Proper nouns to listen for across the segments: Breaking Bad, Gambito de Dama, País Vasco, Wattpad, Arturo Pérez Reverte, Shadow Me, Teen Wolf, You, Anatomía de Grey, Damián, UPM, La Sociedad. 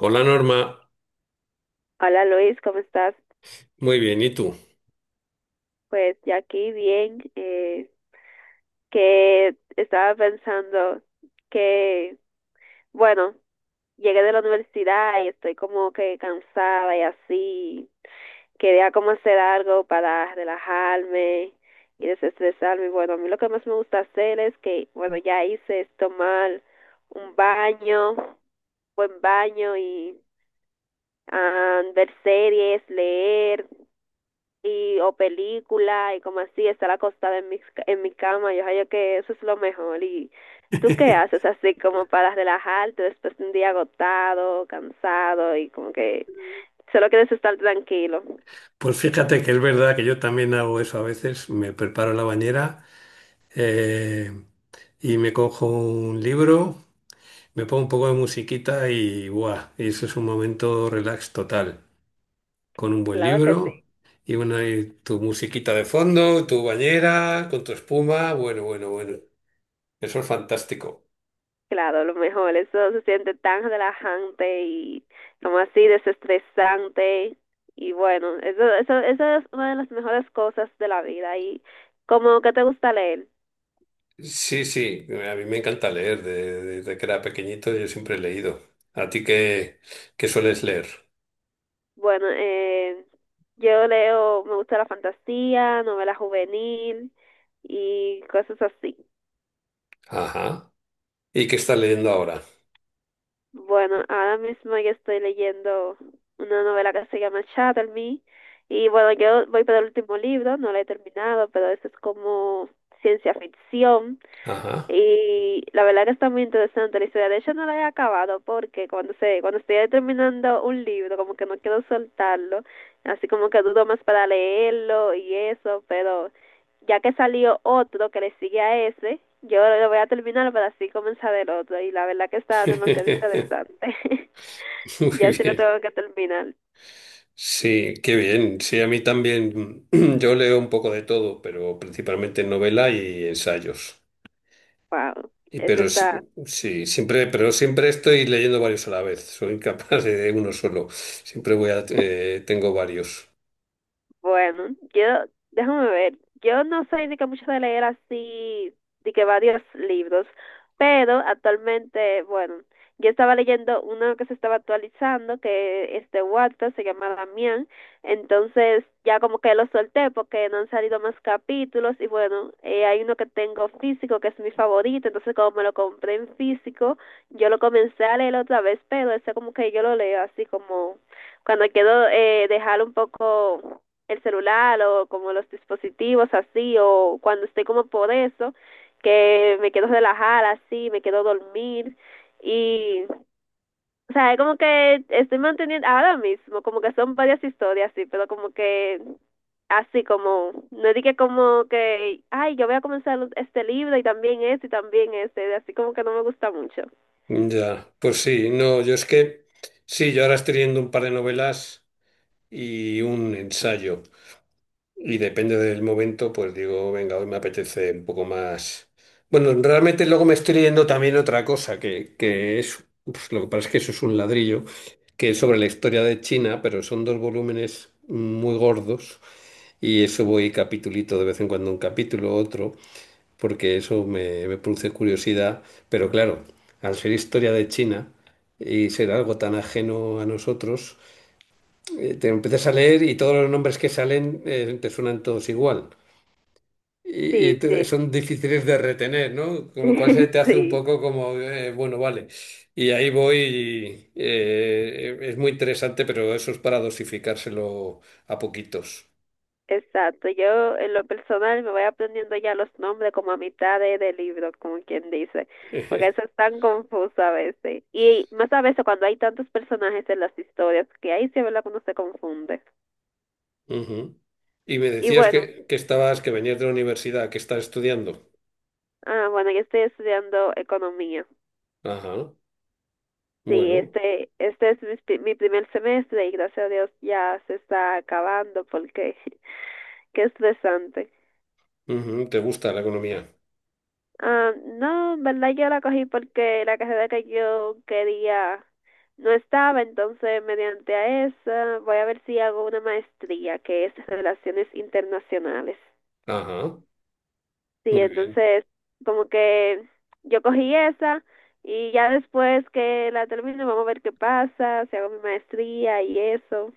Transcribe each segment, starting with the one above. Hola Norma, Hola Luis, ¿cómo estás? muy bien, ¿y tú? Pues ya aquí bien, que estaba pensando que, bueno, llegué de la universidad y estoy como que cansada y así, quería como hacer algo para relajarme y desestresarme. Bueno, a mí lo que más me gusta hacer es que, bueno, ya hice es tomar un baño, buen baño y ver series, leer. Y o película y como así, estar acostada en mi cama, yo creo que eso es lo mejor. ¿Y tú qué haces así como para relajarte después de un día agotado, cansado y como que solo quieres estar tranquilo? Pues fíjate que es verdad que yo también hago eso a veces, me preparo la bañera eh, y me cojo un libro, me pongo un poco de musiquita y ¡buah! Y eso es un momento relax total, con un buen Claro que sí, libro y, una, y tu musiquita de fondo, tu bañera, con tu espuma, bueno, bueno, bueno, eso es fantástico. claro, lo mejor, eso se siente tan relajante y como así desestresante y bueno, eso es una de las mejores cosas de la vida y como que te gusta leer. Sí, sí, a mí me encanta leer, desde que era pequeñito yo siempre he leído. ¿A ti qué, qué sueles leer? Bueno, yo leo, me gusta la fantasía, novela juvenil y cosas así. Ajá. ¿Y qué estás leyendo ahora? Bueno, ahora mismo yo estoy leyendo una novela que se llama Shadow Me y bueno, yo voy por el último libro, no lo he terminado, pero eso es como ciencia ficción. Ajá. Y la verdad que está muy interesante la historia. De hecho, no la he acabado porque cuando estoy terminando un libro, como que no quiero soltarlo, así como que dudo más para leerlo y eso, pero ya que salió otro que le sigue a ese, yo lo voy a terminar para así comenzar el otro. Y la verdad que está demasiado interesante. Ya Muy sí lo bien. tengo que terminar. Sí, qué bien. Sí, a mí también. Yo leo un poco de todo, pero principalmente novela y ensayos. Wow, Y eso pero está. sí, siempre, pero siempre estoy leyendo varios a la vez. Soy incapaz de uno solo. Siempre voy a, tengo varios. Bueno, yo, déjame ver, yo no soy de que mucho de leer así, de que varios libros, pero actualmente, bueno, yo estaba leyendo uno que se estaba actualizando, que es de Wattpad, se llama Damián, entonces ya como que lo solté porque no han salido más capítulos y bueno, hay uno que tengo físico que es mi favorito, entonces como me lo compré en físico, yo lo comencé a leer otra vez, pero ese como que yo lo leo así como cuando quiero dejar un poco el celular o como los dispositivos así o cuando estoy como por eso que me quedo relajada así, me quedo dormir y o sea, es como que estoy manteniendo ahora mismo, como que son varias historias así pero como que así como, no dije como que, ay, yo voy a comenzar este libro y también este, así como que no me gusta mucho. Ya, pues sí, no, yo es que sí, yo ahora estoy leyendo un par de novelas y un ensayo. Y depende del momento, pues digo, venga, hoy me apetece un poco más. Bueno, realmente luego me estoy leyendo también otra cosa, que es, pues, lo que pasa es que eso es un ladrillo, que es sobre la historia de China, pero son dos volúmenes muy gordos y eso voy capitulito de vez en cuando un capítulo, otro porque eso me, me produce curiosidad, pero claro, al ser historia de China y ser algo tan ajeno a nosotros, te empiezas a leer y todos los nombres que salen te suenan todos igual. Y, Sí, sí, son difíciles de retener, ¿no? Con lo cual se te hace un sí. poco como, bueno, vale. Y ahí voy, y, es muy interesante, pero eso es para dosificárselo a poquitos. Exacto, yo en lo personal me voy aprendiendo ya los nombres como a mitad de libro, como quien dice, porque eso es tan confuso a veces. Y más a veces cuando hay tantos personajes en las historias, que ahí sí es verdad que uno se confunde. Ujú. Y me Y decías bueno, que estabas, que venías de la universidad, que estás estudiando. Bueno, yo estoy estudiando economía. Ajá, Sí, bueno, este es mi primer semestre y gracias a Dios ya se está acabando porque qué estresante. ujú, ¿te gusta la economía? Ah, no, en verdad yo la cogí porque la carrera que yo quería no estaba, entonces mediante a esa voy a ver si hago una maestría que es Relaciones Internacionales. Ajá, Sí, muy bien, entonces como que yo cogí esa y ya después que la termine vamos a ver qué pasa, si hago mi maestría y eso.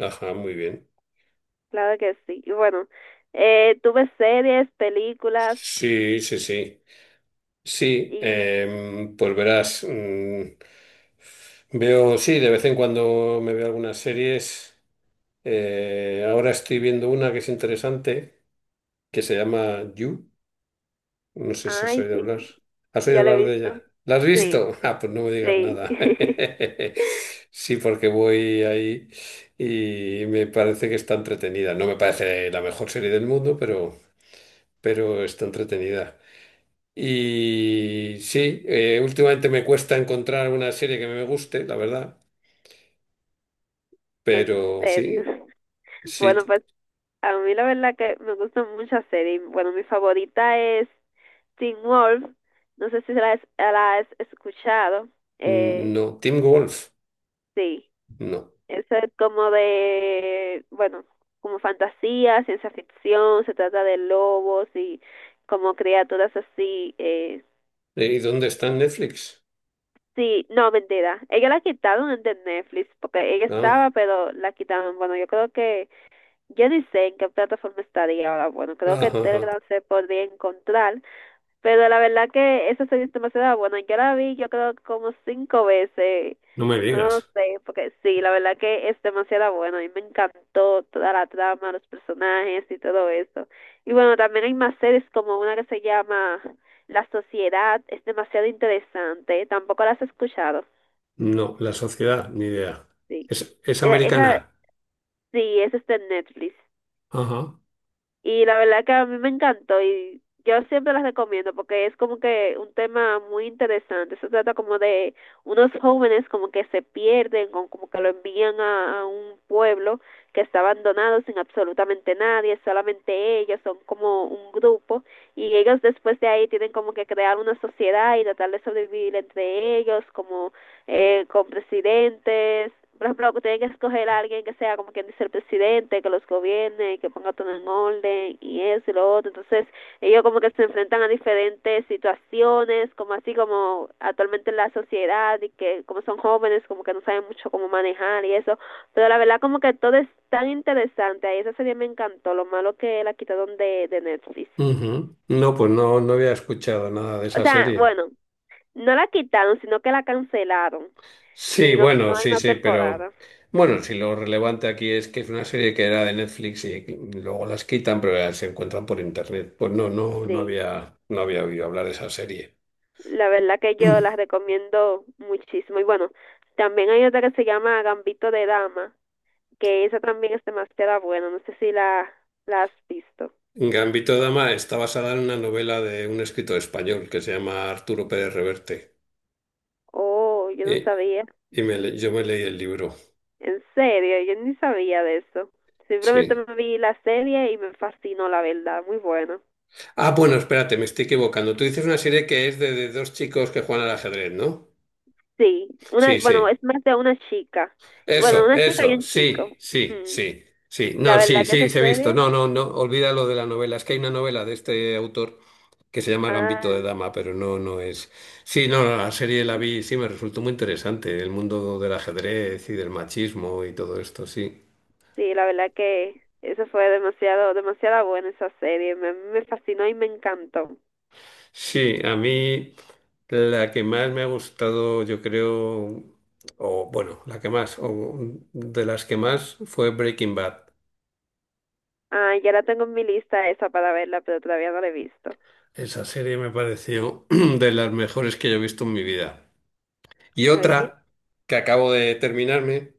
ajá, muy bien. Claro que sí. Y bueno, tuve series, películas Sí, sí, sí. Sí, y... pues verás, veo, sí, de vez en cuando me veo algunas series. Ahora estoy viendo una que es interesante, que se llama You. No sé si has Ay, oído sí, hablar. ¿Has oído ya lo hablar he de visto. ella? ¿La has Sí, visto? Ah, pues no me digas sí. nada. Sí, porque voy ahí y me parece que está entretenida. No me parece la mejor serie del mundo, pero está entretenida. Y sí, últimamente me cuesta encontrar una serie que me guste, la verdad. En Pero serio. sí, sí, Bueno, pues a mí la verdad que me gustan muchas series. Bueno, mi favorita es Teen Wolf. No sé si la has escuchado. mm, Eh, no. Team Wolf, sí, no. eso es como de, bueno, como fantasía, ciencia ficción, se trata de lobos y como criaturas así. ¿Y dónde está en Netflix? Sí, no, mentira. Ella la quitaron de Netflix porque ella Ah, estaba, pero la quitaron. Bueno, yo creo que yo ni sé en qué plataforma estaría ahora. Bueno, creo que ajá, en ajá. Telegram se podría encontrar, pero la verdad que esa serie es demasiado buena. Yo la vi, yo creo, como 5 veces. No me No digas. sé, porque sí, la verdad que es demasiado bueno. A mí me encantó toda la trama, los personajes y todo eso. Y bueno, también hay más series como una que se llama La Sociedad. Es demasiado interesante. Tampoco la has escuchado. No, la sociedad, ni idea. Sí. Es esa, americana. sí, esa está en Netflix. Ajá. Y la verdad que a mí me encantó y yo siempre las recomiendo porque es como que un tema muy interesante. Se trata como de unos jóvenes como que se pierden, o como que lo envían a un pueblo que está abandonado sin absolutamente nadie, solamente ellos, son como un grupo y ellos después de ahí tienen como que crear una sociedad y tratar de sobrevivir entre ellos, como con presidentes, por ejemplo, que tienen que escoger a alguien que sea como quien dice el presidente, que los gobierne y que ponga todo en orden y eso y lo otro. Entonces, ellos como que se enfrentan a diferentes situaciones, como así como actualmente en la sociedad y que como son jóvenes, como que no saben mucho cómo manejar y eso. Pero la verdad como que todo es tan interesante. Ahí esa serie me encantó. Lo malo que la quitaron de Netflix. Ujú. No, pues no, no había escuchado nada de O esa sea, serie. bueno, no la quitaron, sino que la cancelaron y Sí, bueno, no hay sí, más sí, pero temporada. bueno, si lo relevante aquí es que es una serie que era de Netflix y luego las quitan, pero ya se encuentran por internet. Pues no, no, no Sí, había, no había oído hablar de esa serie. la verdad que yo las recomiendo muchísimo. Y bueno, también hay otra que se llama Gambito de Dama, que esa también es demasiado buena. No sé si la has visto. Gambito de Dama está basada en una novela de un escritor español que se llama Arturo Pérez Reverte. Oh, yo no Y, sabía. Yo me leí el libro. En serio, yo ni sabía de eso. Simplemente Sí. me vi la serie y me fascinó, la verdad. Muy buena. Ah, bueno, espérate, me estoy equivocando. Tú dices una serie que es de dos chicos que juegan al ajedrez, ¿no? Sí, una, Sí, bueno, sí. es más de una chica. Bueno, Eso, una chica y eso, un chico. sí, sí, Ujú. sí, sí. La No, sí, verdad que sí, esa se he visto. serie, No, no, no, olvida lo de la novela. Es que hay una novela de este autor que se llama Gambito de ah. Dama, pero no, no es. Sí, no, no, la serie la vi, sí, me resultó muy interesante. El mundo del ajedrez y del machismo y todo esto, sí. Sí, la verdad que eso fue demasiado, demasiada buena esa serie. Me fascinó y me encantó. Sí, a mí la que más me ha gustado, yo creo, o bueno, la que más, o de las que más fue Breaking Bad. Ah, ya la tengo en mi lista esa para verla, pero todavía no la he visto. Esa serie me pareció de las mejores que yo he visto en mi vida. Y Oye. otra que acabo de terminarme,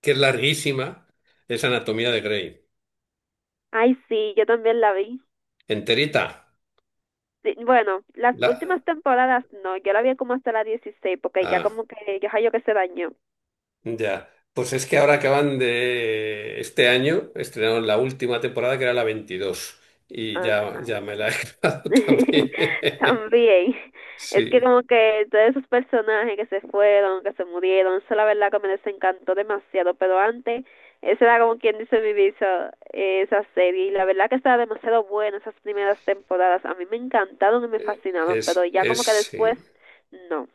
que es larguísima, es Anatomía de Grey. Ay, sí, yo también la vi. Enterita. Sí, bueno, las La... últimas temporadas no, yo la vi como hasta la 16 porque ya Ah. como que, ya yo que se dañó. Ya, pues es que ahora acaban de este año, estrenaron la última temporada que era la 22 y ya, Ajá. ya me la he grabado también. También, es que Sí, como que todos esos personajes que se fueron, que se murieron, eso la verdad que me desencantó demasiado, pero antes, esa era como quien dice mi visa, esa serie, y la verdad que estaba demasiado buena esas primeras temporadas, a mí me encantaron y me fascinaban, pero ya es, como que después, sí. no.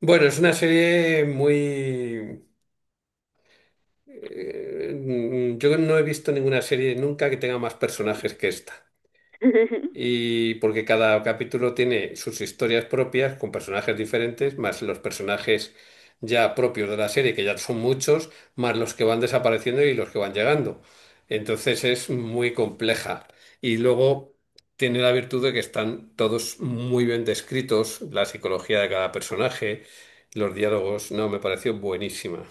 Bueno, es una serie muy... yo no he visto ninguna serie nunca que tenga más personajes que esta. Y porque cada capítulo tiene sus historias propias con personajes diferentes, más los personajes ya propios de la serie, que ya son muchos, más los que van desapareciendo y los que van llegando. Entonces es muy compleja. Y luego tiene la virtud de que están todos muy bien descritos, la psicología de cada personaje, los diálogos, no, me pareció buenísima.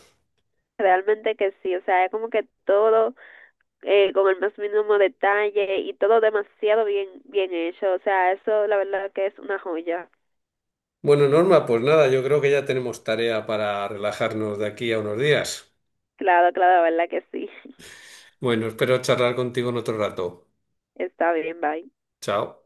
Realmente que sí, o sea, es como que todo con el más mínimo detalle y todo demasiado bien, bien hecho, o sea, eso la verdad que es una joya. Bueno, Norma, pues nada, yo creo que ya tenemos tarea para relajarnos de aquí a unos días. Claro, claro, la verdad que sí. Bueno, espero charlar contigo en otro rato. Está bien, bye. Chao.